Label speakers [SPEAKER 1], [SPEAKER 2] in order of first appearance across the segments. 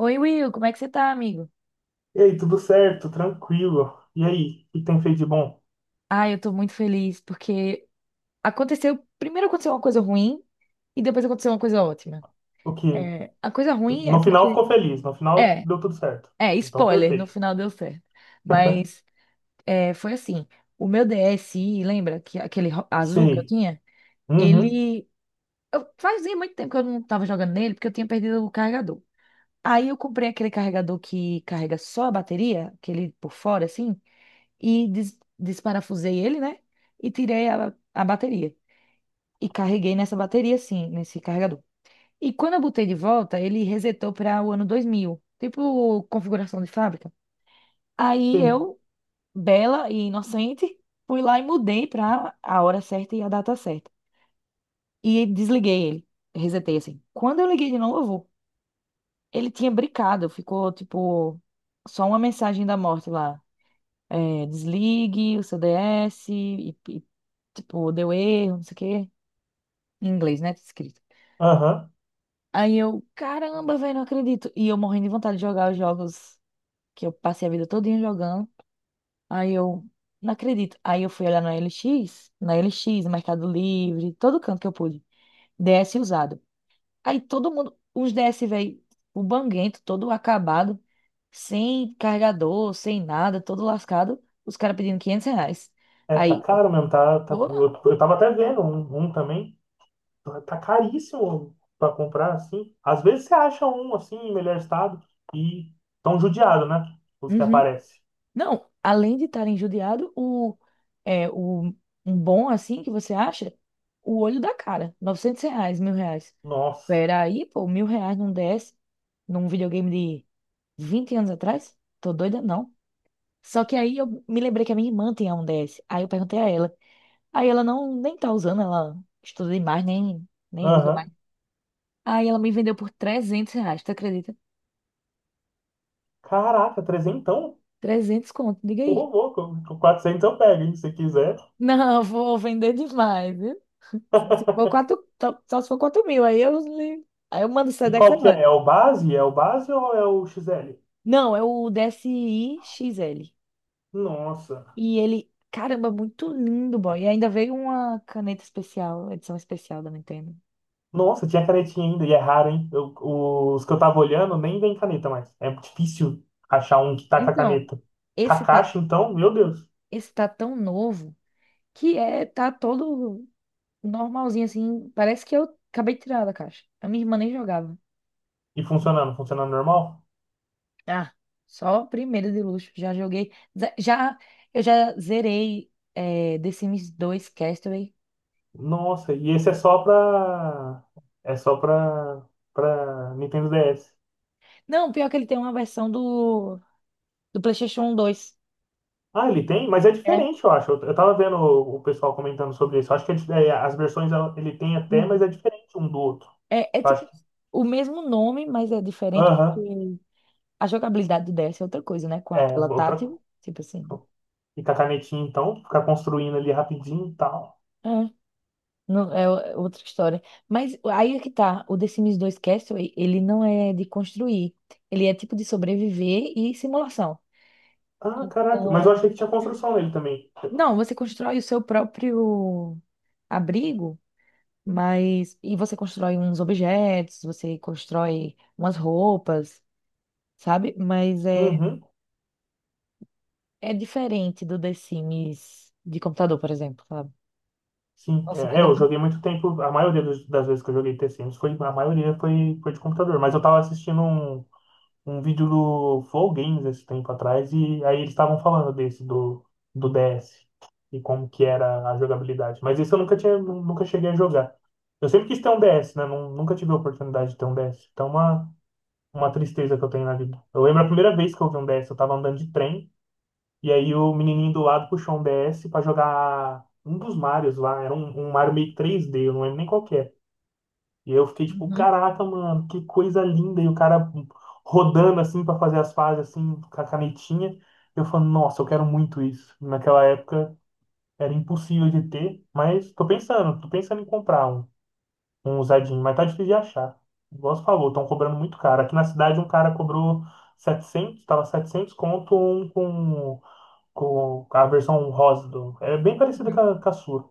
[SPEAKER 1] Oi, Will, como é que você tá, amigo?
[SPEAKER 2] E aí, tudo certo? Tranquilo. E aí, o que tem feito de bom?
[SPEAKER 1] Ah, eu tô muito feliz porque aconteceu. Primeiro aconteceu uma coisa ruim e depois aconteceu uma coisa ótima.
[SPEAKER 2] O que?
[SPEAKER 1] É, a coisa ruim é
[SPEAKER 2] No final
[SPEAKER 1] porque.
[SPEAKER 2] ficou feliz, no final
[SPEAKER 1] É,
[SPEAKER 2] deu tudo certo.
[SPEAKER 1] é,
[SPEAKER 2] Então,
[SPEAKER 1] spoiler, no
[SPEAKER 2] perfeito.
[SPEAKER 1] final deu certo. Mas, foi assim: o meu DSi, lembra que aquele azul que eu
[SPEAKER 2] Sei.
[SPEAKER 1] tinha?
[SPEAKER 2] Uhum,
[SPEAKER 1] Ele. Fazia muito tempo que eu não tava jogando nele porque eu tinha perdido o carregador. Aí eu comprei aquele carregador que carrega só a bateria, aquele por fora, assim, e desparafusei ele, né? E tirei a bateria. E carreguei nessa bateria, assim, nesse carregador. E quando eu botei de volta, ele resetou para o ano 2000, tipo configuração de fábrica. Aí
[SPEAKER 2] sei.
[SPEAKER 1] eu, bela e inocente, fui lá e mudei para a hora certa e a data certa. E desliguei ele, resetei assim. Quando eu liguei de novo, ele tinha brincado, ficou tipo só uma mensagem da morte lá. Desligue o seu DS e, tipo, deu erro, não sei o quê. Em inglês, né? Tá escrito.
[SPEAKER 2] Aham.
[SPEAKER 1] Aí eu, caramba, velho, não acredito. E eu morrendo de vontade de jogar os jogos que eu passei a vida todinha jogando. Aí eu, não acredito. Aí eu fui olhar na LX, no Mercado Livre, todo canto que eu pude. DS usado. Aí todo mundo, os DS, velho, o banguento, todo acabado, sem carregador, sem nada, todo lascado. Os caras pedindo R$ 500.
[SPEAKER 2] É, tá
[SPEAKER 1] Aí,
[SPEAKER 2] caro mesmo,
[SPEAKER 1] pô,
[SPEAKER 2] eu tava até vendo um também. Tá caríssimo pra comprar, assim. Às vezes você acha um, assim, em melhor estado e tão judiado, né? Os que
[SPEAKER 1] uhum.
[SPEAKER 2] aparecem.
[SPEAKER 1] Não, além de estar injuriado, é, o, um bom assim que você acha, o olho da cara, R$ 900, R$ 1.000.
[SPEAKER 2] Nossa.
[SPEAKER 1] Pera aí, pô, R$ 1.000 não desce num videogame de 20 anos atrás? Tô doida, não. Só que aí eu me lembrei que a minha irmã tinha um DS. Aí eu perguntei a ela. Aí ela não nem tá usando, ela estuda demais, nem usa mais.
[SPEAKER 2] Aham.
[SPEAKER 1] Aí ela me vendeu por R$ 300, tu acredita?
[SPEAKER 2] Caraca, trezentão?
[SPEAKER 1] 300 conto, diga
[SPEAKER 2] Ô,
[SPEAKER 1] aí.
[SPEAKER 2] louco, 400 eu pego, hein, se quiser.
[SPEAKER 1] Não, vou vender demais. Se for quatro, só se for 4 mil, aí eu, aí eu mando o
[SPEAKER 2] E
[SPEAKER 1] Sedex
[SPEAKER 2] qual que
[SPEAKER 1] agora.
[SPEAKER 2] é? É o base? É o base ou é o XL?
[SPEAKER 1] Não, é o DSI-XL.
[SPEAKER 2] Nossa.
[SPEAKER 1] E ele, caramba, muito lindo, boy. E ainda veio uma caneta especial, edição especial da Nintendo.
[SPEAKER 2] Nossa, tinha canetinha ainda, e é raro, hein? Os que eu tava olhando nem vem caneta mais. É difícil achar um que tá com a
[SPEAKER 1] Então,
[SPEAKER 2] caneta.
[SPEAKER 1] esse tá,
[SPEAKER 2] Kakashi, então, meu Deus.
[SPEAKER 1] esse tá tão novo que tá todo normalzinho, assim. Parece que eu acabei de tirar da caixa. A minha irmã nem jogava.
[SPEAKER 2] E funcionando, funcionando normal?
[SPEAKER 1] Ah, só primeiro de luxo. Já joguei. ze- Já, eu já zerei The Sims 2 Castaway.
[SPEAKER 2] Nossa, e esse é só pra Nintendo DS.
[SPEAKER 1] Não, pior que ele tem uma versão do PlayStation 2.
[SPEAKER 2] Ah, ele tem? Mas é
[SPEAKER 1] É.
[SPEAKER 2] diferente, eu acho. Eu tava vendo o pessoal comentando sobre isso. Eu acho que é, as versões ele tem até, mas
[SPEAKER 1] Uhum.
[SPEAKER 2] é diferente um do outro.
[SPEAKER 1] É,
[SPEAKER 2] Eu
[SPEAKER 1] tipo
[SPEAKER 2] acho que.
[SPEAKER 1] o mesmo nome, mas é diferente
[SPEAKER 2] Aham.
[SPEAKER 1] porque a jogabilidade do DS é outra coisa, né? Com a
[SPEAKER 2] É,
[SPEAKER 1] tela tátil,
[SPEAKER 2] outra.
[SPEAKER 1] tipo assim.
[SPEAKER 2] E com a canetinha, então, ficar construindo ali rapidinho e tal.
[SPEAKER 1] É, não, é outra história. Mas aí é que tá, o The Sims 2 Castaway, ele não é de construir, ele é tipo de sobreviver e simulação.
[SPEAKER 2] Ah, caraca.
[SPEAKER 1] Então,
[SPEAKER 2] Mas eu achei que tinha construção nele também.
[SPEAKER 1] não, você constrói o seu próprio abrigo. Mas. E você constrói uns objetos, você constrói umas roupas, sabe? Mas é,
[SPEAKER 2] Uhum,
[SPEAKER 1] é diferente do The Sims de computador, por exemplo, sabe?
[SPEAKER 2] sim.
[SPEAKER 1] Nossa, mas
[SPEAKER 2] É, é,
[SPEAKER 1] é
[SPEAKER 2] eu
[SPEAKER 1] muito.
[SPEAKER 2] joguei muito tempo. A maioria das vezes que eu joguei T-Sims foi. A maioria foi de computador. Mas eu tava assistindo um vídeo do Flow Games esse tempo atrás. E aí eles estavam falando desse, do DS. E como que era a jogabilidade. Mas esse eu nunca tinha, nunca cheguei a jogar. Eu sempre quis ter um DS, né? Nunca tive a oportunidade de ter um DS. Então, é uma tristeza que eu tenho na vida. Eu lembro a primeira vez que eu vi um DS, eu tava andando de trem, e aí o menininho do lado puxou um DS pra jogar um dos Marios lá, era um Mario meio 3D, eu não lembro nem qual que é. E eu fiquei tipo,
[SPEAKER 1] Uhum,
[SPEAKER 2] caraca, mano, que coisa linda, e o cara rodando assim pra fazer as fases assim, com a canetinha. Eu falo, nossa, eu quero muito isso. Naquela época era impossível de ter, mas tô pensando em comprar um usadinho, mas tá difícil de achar. Igual você falou, estão cobrando muito caro. Aqui na cidade um cara cobrou 700, tava 700, conto um com a versão rosa do. É bem parecida com
[SPEAKER 1] uhum.
[SPEAKER 2] a sua.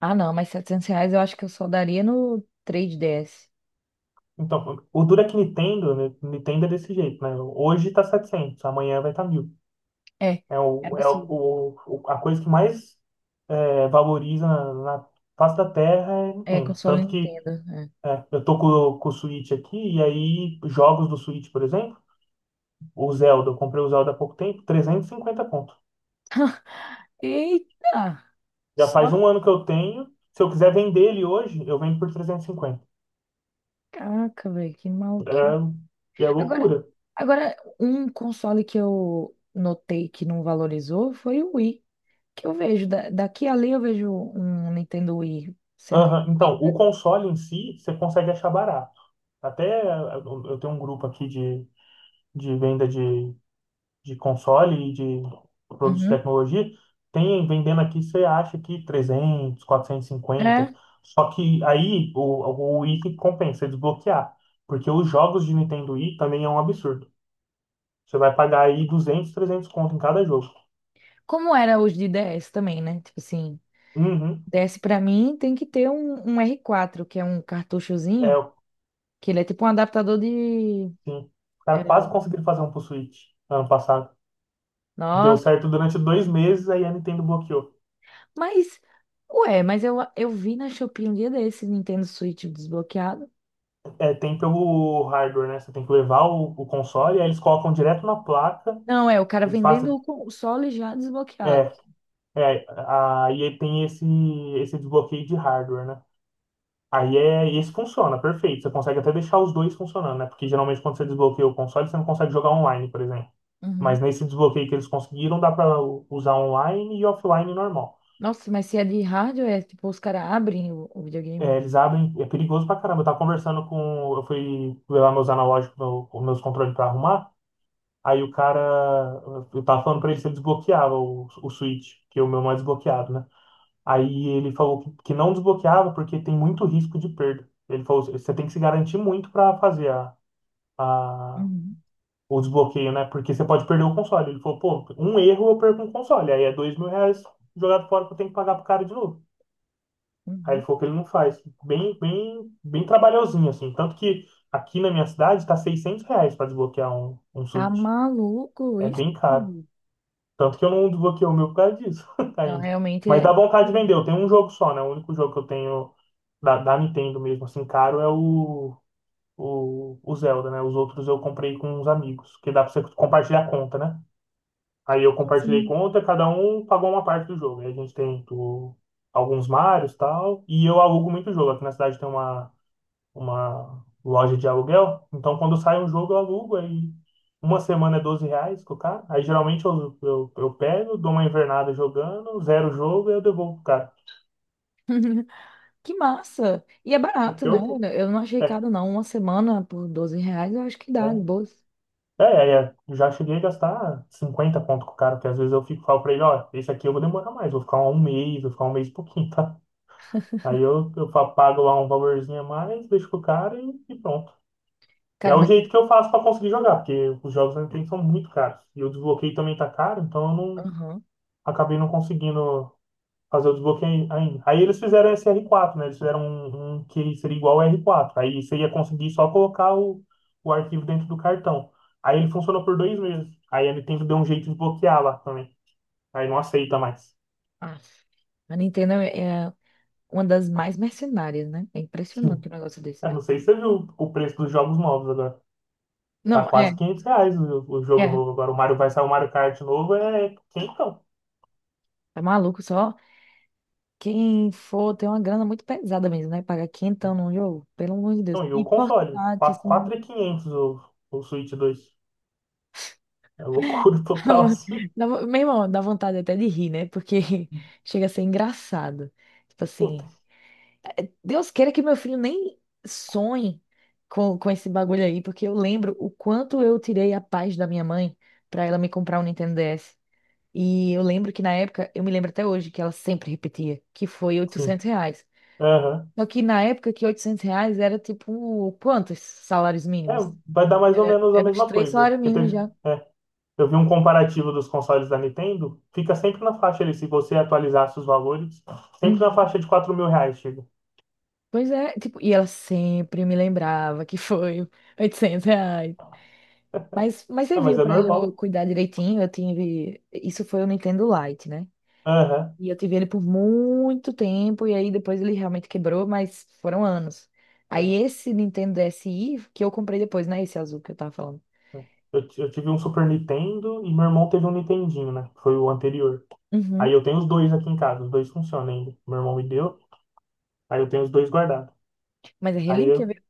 [SPEAKER 1] Ah, não, mas R$ 700 eu acho que eu só daria no 3DS.
[SPEAKER 2] Então, o duro é que Nintendo, né, Nintendo é desse jeito, né? Hoje tá 700, amanhã vai estar tá 1.000.
[SPEAKER 1] É,
[SPEAKER 2] É,
[SPEAKER 1] é
[SPEAKER 2] o, é
[SPEAKER 1] absurdo.
[SPEAKER 2] o, o- a coisa que mais valoriza na face da terra é
[SPEAKER 1] É,
[SPEAKER 2] Nintendo.
[SPEAKER 1] console
[SPEAKER 2] Tanto que
[SPEAKER 1] Nintendo. É.
[SPEAKER 2] eu tô com o Switch aqui, e aí jogos do Switch, por exemplo, o Zelda, eu comprei o Zelda há pouco tempo, 350 conto.
[SPEAKER 1] Eita!
[SPEAKER 2] Já
[SPEAKER 1] Só
[SPEAKER 2] faz um ano que eu tenho. Se eu quiser vender ele hoje, eu vendo por 350.
[SPEAKER 1] caca, velho, que maluquinho.
[SPEAKER 2] É, é
[SPEAKER 1] Agora,
[SPEAKER 2] loucura.
[SPEAKER 1] agora, um console que eu notei que não valorizou foi o Wii, que eu vejo, daqui a ali eu vejo um Nintendo Wii sendo.
[SPEAKER 2] Aham,
[SPEAKER 1] Bem
[SPEAKER 2] então, o
[SPEAKER 1] barato.
[SPEAKER 2] console em si, você consegue achar barato. Até eu tenho um grupo aqui de venda de console e de produtos de
[SPEAKER 1] Uhum.
[SPEAKER 2] tecnologia. Tem vendendo aqui, você acha que 300, 450.
[SPEAKER 1] É.
[SPEAKER 2] Só que aí o Wii que compensa você desbloquear. Porque os jogos de Nintendo Wii também é um absurdo. Você vai pagar aí 200, 300 conto em cada jogo.
[SPEAKER 1] Como era os de DS também, né? Tipo assim,
[SPEAKER 2] Uhum.
[SPEAKER 1] DS pra mim tem que ter um R4, que é um cartuchozinho,
[SPEAKER 2] É,
[SPEAKER 1] que ele é tipo um adaptador de.
[SPEAKER 2] sim. Os caras quase
[SPEAKER 1] é,
[SPEAKER 2] conseguiram fazer um pro Switch ano passado. Deu
[SPEAKER 1] Nossa,
[SPEAKER 2] certo durante dois meses, aí a Nintendo bloqueou.
[SPEAKER 1] mas. Ué, mas eu vi na Shopee um dia desse Nintendo Switch desbloqueado.
[SPEAKER 2] É, tem pelo hardware, né? Você tem que levar o console, aí eles colocam direto na placa,
[SPEAKER 1] Não, é o cara
[SPEAKER 2] eles fazem.
[SPEAKER 1] vendendo o console já desbloqueado.
[SPEAKER 2] É, é, aí tem esse desbloqueio de hardware, né? Aí esse funciona, perfeito. Você consegue até deixar os dois funcionando, né? Porque geralmente quando você desbloqueia o console, você não consegue jogar online, por exemplo. Mas
[SPEAKER 1] Uhum.
[SPEAKER 2] nesse desbloqueio que eles conseguiram, dá para usar online e offline normal.
[SPEAKER 1] Nossa, mas se é de hardware, tipo, os caras abrem o videogame.
[SPEAKER 2] É, eles abrem, é perigoso pra caramba. Eu tava conversando com. Eu fui ver lá meus analógicos, os meus controles pra arrumar. Aí o cara. Eu tava falando pra ele se ele desbloqueava o Switch, que é o meu mais desbloqueado, né? Aí ele falou que não desbloqueava porque tem muito risco de perda. Ele falou: você tem que se garantir muito pra fazer a,
[SPEAKER 1] Uhum.
[SPEAKER 2] o desbloqueio, né? Porque você pode perder o console. Ele falou, pô, um erro eu perco um console. Aí é 2.000 reais jogado fora que eu tenho que pagar pro cara de novo. Aí ele
[SPEAKER 1] Uhum.
[SPEAKER 2] falou que ele não faz. Bem, bem, bem trabalhosinho, assim. Tanto que aqui na minha cidade tá 600 reais pra desbloquear um
[SPEAKER 1] Tá
[SPEAKER 2] Switch.
[SPEAKER 1] maluco
[SPEAKER 2] É
[SPEAKER 1] isso,
[SPEAKER 2] bem caro.
[SPEAKER 1] mano?
[SPEAKER 2] Tanto que eu não desbloqueei o meu por causa disso
[SPEAKER 1] Não,
[SPEAKER 2] ainda.
[SPEAKER 1] realmente
[SPEAKER 2] Mas
[SPEAKER 1] é.
[SPEAKER 2] dá vontade de vender. Eu tenho um jogo só, né? O único jogo que eu tenho da Nintendo mesmo, assim, caro é o Zelda, né? Os outros eu comprei com uns amigos, que dá pra você compartilhar a conta, né? Aí eu
[SPEAKER 1] Sim,
[SPEAKER 2] compartilhei
[SPEAKER 1] sim.
[SPEAKER 2] conta, cada um pagou uma parte do jogo. Aí a gente tem tipo, alguns Marios e tal. E eu alugo muito jogo. Aqui na cidade tem uma loja de aluguel. Então quando sai um jogo, eu alugo. Aí uma semana é 12 reais com o cara. Aí geralmente eu pego, dou uma invernada jogando, zero o jogo e eu devolvo pro cara.
[SPEAKER 1] Que massa! E é
[SPEAKER 2] É
[SPEAKER 1] barato,
[SPEAKER 2] porque
[SPEAKER 1] né?
[SPEAKER 2] hoje.
[SPEAKER 1] Eu não achei
[SPEAKER 2] É,
[SPEAKER 1] caro, não. Uma semana por R$ 12, eu acho que dá, de
[SPEAKER 2] é,
[SPEAKER 1] boas.
[SPEAKER 2] é. Eu já cheguei a gastar 50 pontos com o cara, porque às vezes eu fico, falo pra ele, ó, esse aqui eu vou demorar mais, vou ficar um mês, vou ficar um mês e pouquinho, tá? Aí eu pago lá um valorzinho a mais, deixo com o cara e pronto. E é
[SPEAKER 1] Cara,
[SPEAKER 2] o
[SPEAKER 1] mas.
[SPEAKER 2] jeito que eu faço para conseguir jogar, porque os jogos na Nintendo são muito caros. E o desbloqueio também tá caro, então eu não
[SPEAKER 1] Aham.
[SPEAKER 2] acabei não conseguindo fazer o desbloqueio ainda. Aí eles fizeram esse R4, né? Eles fizeram um que seria igual ao R4. Aí você ia conseguir só colocar o arquivo dentro do cartão. Aí ele funcionou por dois meses. Aí a Nintendo deu um jeito de bloquear lá também. Aí não aceita mais.
[SPEAKER 1] Ah, a Nintendo é uma das mais mercenárias, né? É impressionante o negócio desse,
[SPEAKER 2] Eu não
[SPEAKER 1] velho.
[SPEAKER 2] sei se você viu o preço dos jogos novos agora. Tá
[SPEAKER 1] Não, é,
[SPEAKER 2] quase 500 reais o jogo
[SPEAKER 1] é.
[SPEAKER 2] novo. Agora o Mario vai sair o Mario Kart novo, é quentão.
[SPEAKER 1] Tá maluco, só quem for tem uma grana muito pesada mesmo, né? Pagar quinhentão num jogo, pelo amor de Deus.
[SPEAKER 2] Então, e
[SPEAKER 1] E
[SPEAKER 2] o console?
[SPEAKER 1] portátil,
[SPEAKER 2] Quatro
[SPEAKER 1] assim.
[SPEAKER 2] mil e quinhentos o Switch dois. É loucura total, assim.
[SPEAKER 1] Meu irmão, dá vontade até de rir, né? Porque chega a ser engraçado. Tipo
[SPEAKER 2] Puta,
[SPEAKER 1] assim, Deus queira que meu filho nem sonhe com esse bagulho aí, porque eu lembro o quanto eu tirei a paz da minha mãe pra ela me comprar um Nintendo DS. E eu lembro que na época, eu me lembro até hoje que ela sempre repetia, que foi
[SPEAKER 2] sim.
[SPEAKER 1] R$ 800.
[SPEAKER 2] Aham.
[SPEAKER 1] Só que na época que R$ 800 era tipo, quantos salários
[SPEAKER 2] É,
[SPEAKER 1] mínimos?
[SPEAKER 2] vai dar mais ou
[SPEAKER 1] Era,
[SPEAKER 2] menos a
[SPEAKER 1] era uns
[SPEAKER 2] mesma
[SPEAKER 1] três
[SPEAKER 2] coisa.
[SPEAKER 1] salários
[SPEAKER 2] Porque
[SPEAKER 1] mínimos
[SPEAKER 2] teve,
[SPEAKER 1] já.
[SPEAKER 2] eu vi um comparativo dos consoles da Nintendo, fica sempre na faixa ali, se você atualizasse os valores, sempre na
[SPEAKER 1] Uhum.
[SPEAKER 2] faixa de 4.000 reais, chega.
[SPEAKER 1] Pois é, tipo, e ela sempre me lembrava que foi R$ 800. Mas
[SPEAKER 2] Ah, mas
[SPEAKER 1] serviu
[SPEAKER 2] é
[SPEAKER 1] para eu
[SPEAKER 2] normal.
[SPEAKER 1] cuidar direitinho. Eu tive. Isso foi o Nintendo Lite, né?
[SPEAKER 2] Aham.
[SPEAKER 1] E eu tive ele por muito tempo. E aí depois ele realmente quebrou, mas foram anos. Aí
[SPEAKER 2] É.
[SPEAKER 1] esse Nintendo DSi que eu comprei depois, né? Esse azul que eu tava falando.
[SPEAKER 2] Eu tive um Super Nintendo e meu irmão teve um Nintendinho, né? Que foi o anterior. Aí
[SPEAKER 1] Uhum.
[SPEAKER 2] eu tenho os dois aqui em casa, os dois funcionam ainda. Meu irmão me deu, aí eu tenho os dois guardados.
[SPEAKER 1] Mas é
[SPEAKER 2] Aí
[SPEAKER 1] relíquia,
[SPEAKER 2] eu.
[SPEAKER 1] viu?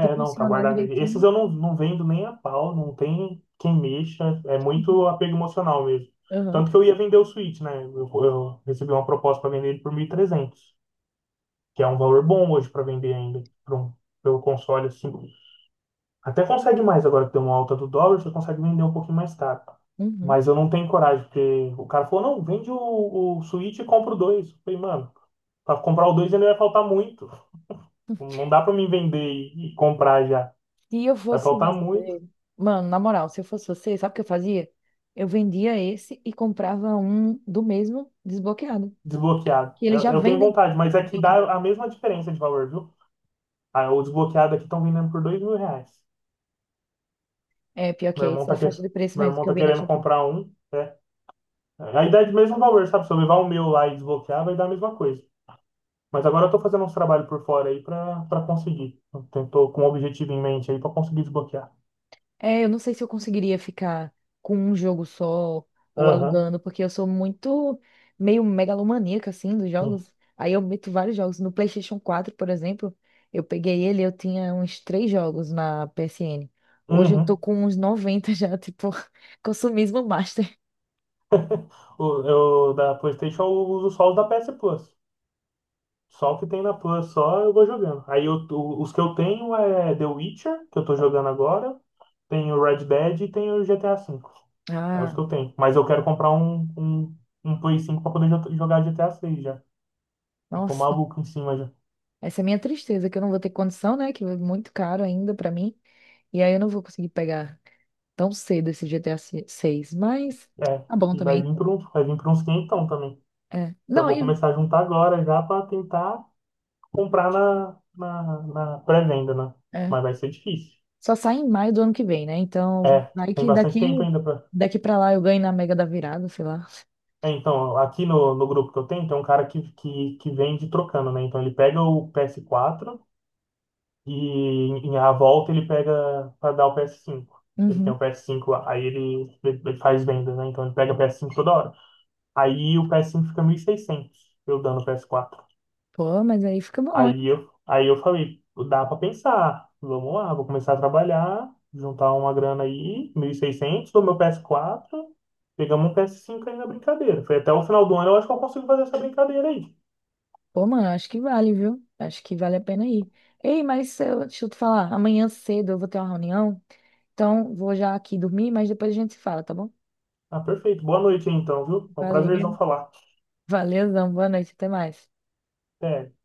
[SPEAKER 1] Se
[SPEAKER 2] não, tá
[SPEAKER 1] funcionar
[SPEAKER 2] guardado. Aí.
[SPEAKER 1] direitinho.
[SPEAKER 2] Esses eu não, não vendo nem a pau, não tem quem mexa, é muito apego emocional mesmo.
[SPEAKER 1] Uhum.
[SPEAKER 2] Tanto que eu ia vender o Switch, né? Eu recebi uma proposta para vender ele por 1.300 que é um valor bom hoje para vender ainda, pelo console assim. Até consegue mais agora que tem uma alta do dólar, você consegue vender um pouquinho mais caro.
[SPEAKER 1] Uhum.
[SPEAKER 2] Mas eu não tenho coragem, porque o cara falou, não, vende o Switch e compra o 2. Eu falei, mano, para comprar o 2 ainda vai faltar muito. Não dá para mim vender e comprar já.
[SPEAKER 1] Se eu
[SPEAKER 2] Vai
[SPEAKER 1] fosse
[SPEAKER 2] faltar muito
[SPEAKER 1] você, mano, na moral, se eu fosse você, sabe o que eu fazia? Eu vendia esse e comprava um do mesmo desbloqueado,
[SPEAKER 2] desbloqueado.
[SPEAKER 1] que eles
[SPEAKER 2] Eu,
[SPEAKER 1] já
[SPEAKER 2] eu tenho
[SPEAKER 1] vendem
[SPEAKER 2] vontade, mas aqui dá
[SPEAKER 1] desbloqueado.
[SPEAKER 2] a mesma diferença de valor, viu? Ah, o desbloqueado aqui estão vendendo por 2.000 reais.
[SPEAKER 1] É, pior que
[SPEAKER 2] Meu
[SPEAKER 1] é
[SPEAKER 2] irmão
[SPEAKER 1] essa
[SPEAKER 2] tá
[SPEAKER 1] faixa
[SPEAKER 2] querendo,
[SPEAKER 1] de preço
[SPEAKER 2] meu
[SPEAKER 1] mesmo
[SPEAKER 2] irmão
[SPEAKER 1] que eu
[SPEAKER 2] tá
[SPEAKER 1] vi na
[SPEAKER 2] querendo
[SPEAKER 1] Shopee.
[SPEAKER 2] comprar um, né? Aí dá de mesmo valor, sabe? Se eu levar o meu lá e desbloquear, vai dar a mesma coisa. Mas agora eu tô fazendo uns trabalhos por fora aí pra para conseguir. Eu tô com um objetivo em mente aí pra conseguir desbloquear.
[SPEAKER 1] É, eu não sei se eu conseguiria ficar com um jogo só ou
[SPEAKER 2] Aham.
[SPEAKER 1] alugando, porque eu sou muito meio megalomaníaca assim dos
[SPEAKER 2] Sim.
[SPEAKER 1] jogos. Aí eu meto vários jogos. No PlayStation 4 por exemplo, eu peguei ele, eu tinha uns 3 jogos na PSN. Hoje eu tô
[SPEAKER 2] Uhum.
[SPEAKER 1] com uns 90 já, tipo, consumismo master.
[SPEAKER 2] O- Da PlayStation eu uso só os da PS Plus. Só o que tem na Plus, só eu vou jogando. Aí os que eu tenho é The Witcher, que eu tô jogando agora, tem o Red Dead e tem o GTA V. É os
[SPEAKER 1] Ah,
[SPEAKER 2] que eu tenho. Mas eu quero comprar um Play 5 pra poder jogar GTA 6 já. Eu tô
[SPEAKER 1] nossa.
[SPEAKER 2] maluco em cima já.
[SPEAKER 1] Essa é a minha tristeza, que eu não vou ter condição, né? Que é muito caro ainda pra mim. E aí eu não vou conseguir pegar tão cedo esse GTA 6. Mas
[SPEAKER 2] É,
[SPEAKER 1] tá bom
[SPEAKER 2] e vai
[SPEAKER 1] também.
[SPEAKER 2] vir por, um- vai vir por uns 500 também.
[SPEAKER 1] É.
[SPEAKER 2] Já
[SPEAKER 1] Não,
[SPEAKER 2] vou
[SPEAKER 1] e
[SPEAKER 2] começar a juntar agora já para tentar comprar na pré-venda, né?
[SPEAKER 1] É.
[SPEAKER 2] Mas vai ser difícil.
[SPEAKER 1] Só sai em maio do ano que vem, né? Então,
[SPEAKER 2] É,
[SPEAKER 1] vai
[SPEAKER 2] tem
[SPEAKER 1] que
[SPEAKER 2] bastante
[SPEAKER 1] daqui,
[SPEAKER 2] tempo ainda para.
[SPEAKER 1] daqui pra lá eu ganho na Mega da Virada, sei lá.
[SPEAKER 2] É, então, aqui no grupo que eu tenho, tem um cara que vende trocando, né? Então ele pega o PS4 e em a volta ele pega para dar o PS5. Ele tem o
[SPEAKER 1] Uhum.
[SPEAKER 2] PS5 lá, aí ele faz venda, né? Então ele pega o PS5 toda hora. Aí o PS5 fica 1.600 eu dando o PS4.
[SPEAKER 1] Pô, mas aí fica bom,
[SPEAKER 2] Aí
[SPEAKER 1] hein?
[SPEAKER 2] eu, aí eu falei, dá pra pensar. Vamos lá, vou começar a trabalhar, juntar uma grana aí, 1.600 do meu PS4 pegamos um PS5 aí na brincadeira. Foi até o final do ano, eu acho que eu consigo fazer essa brincadeira aí.
[SPEAKER 1] Pô, mano, acho que vale, viu? Acho que vale a pena ir. Ei, mas se eu, deixa eu te falar, amanhã cedo eu vou ter uma reunião, então vou já aqui dormir, mas depois a gente se fala, tá bom?
[SPEAKER 2] Ah, perfeito. Boa noite aí, então, viu? Foi um
[SPEAKER 1] Valeu,
[SPEAKER 2] prazerzão falar.
[SPEAKER 1] valeu, boa noite, até mais.
[SPEAKER 2] Até.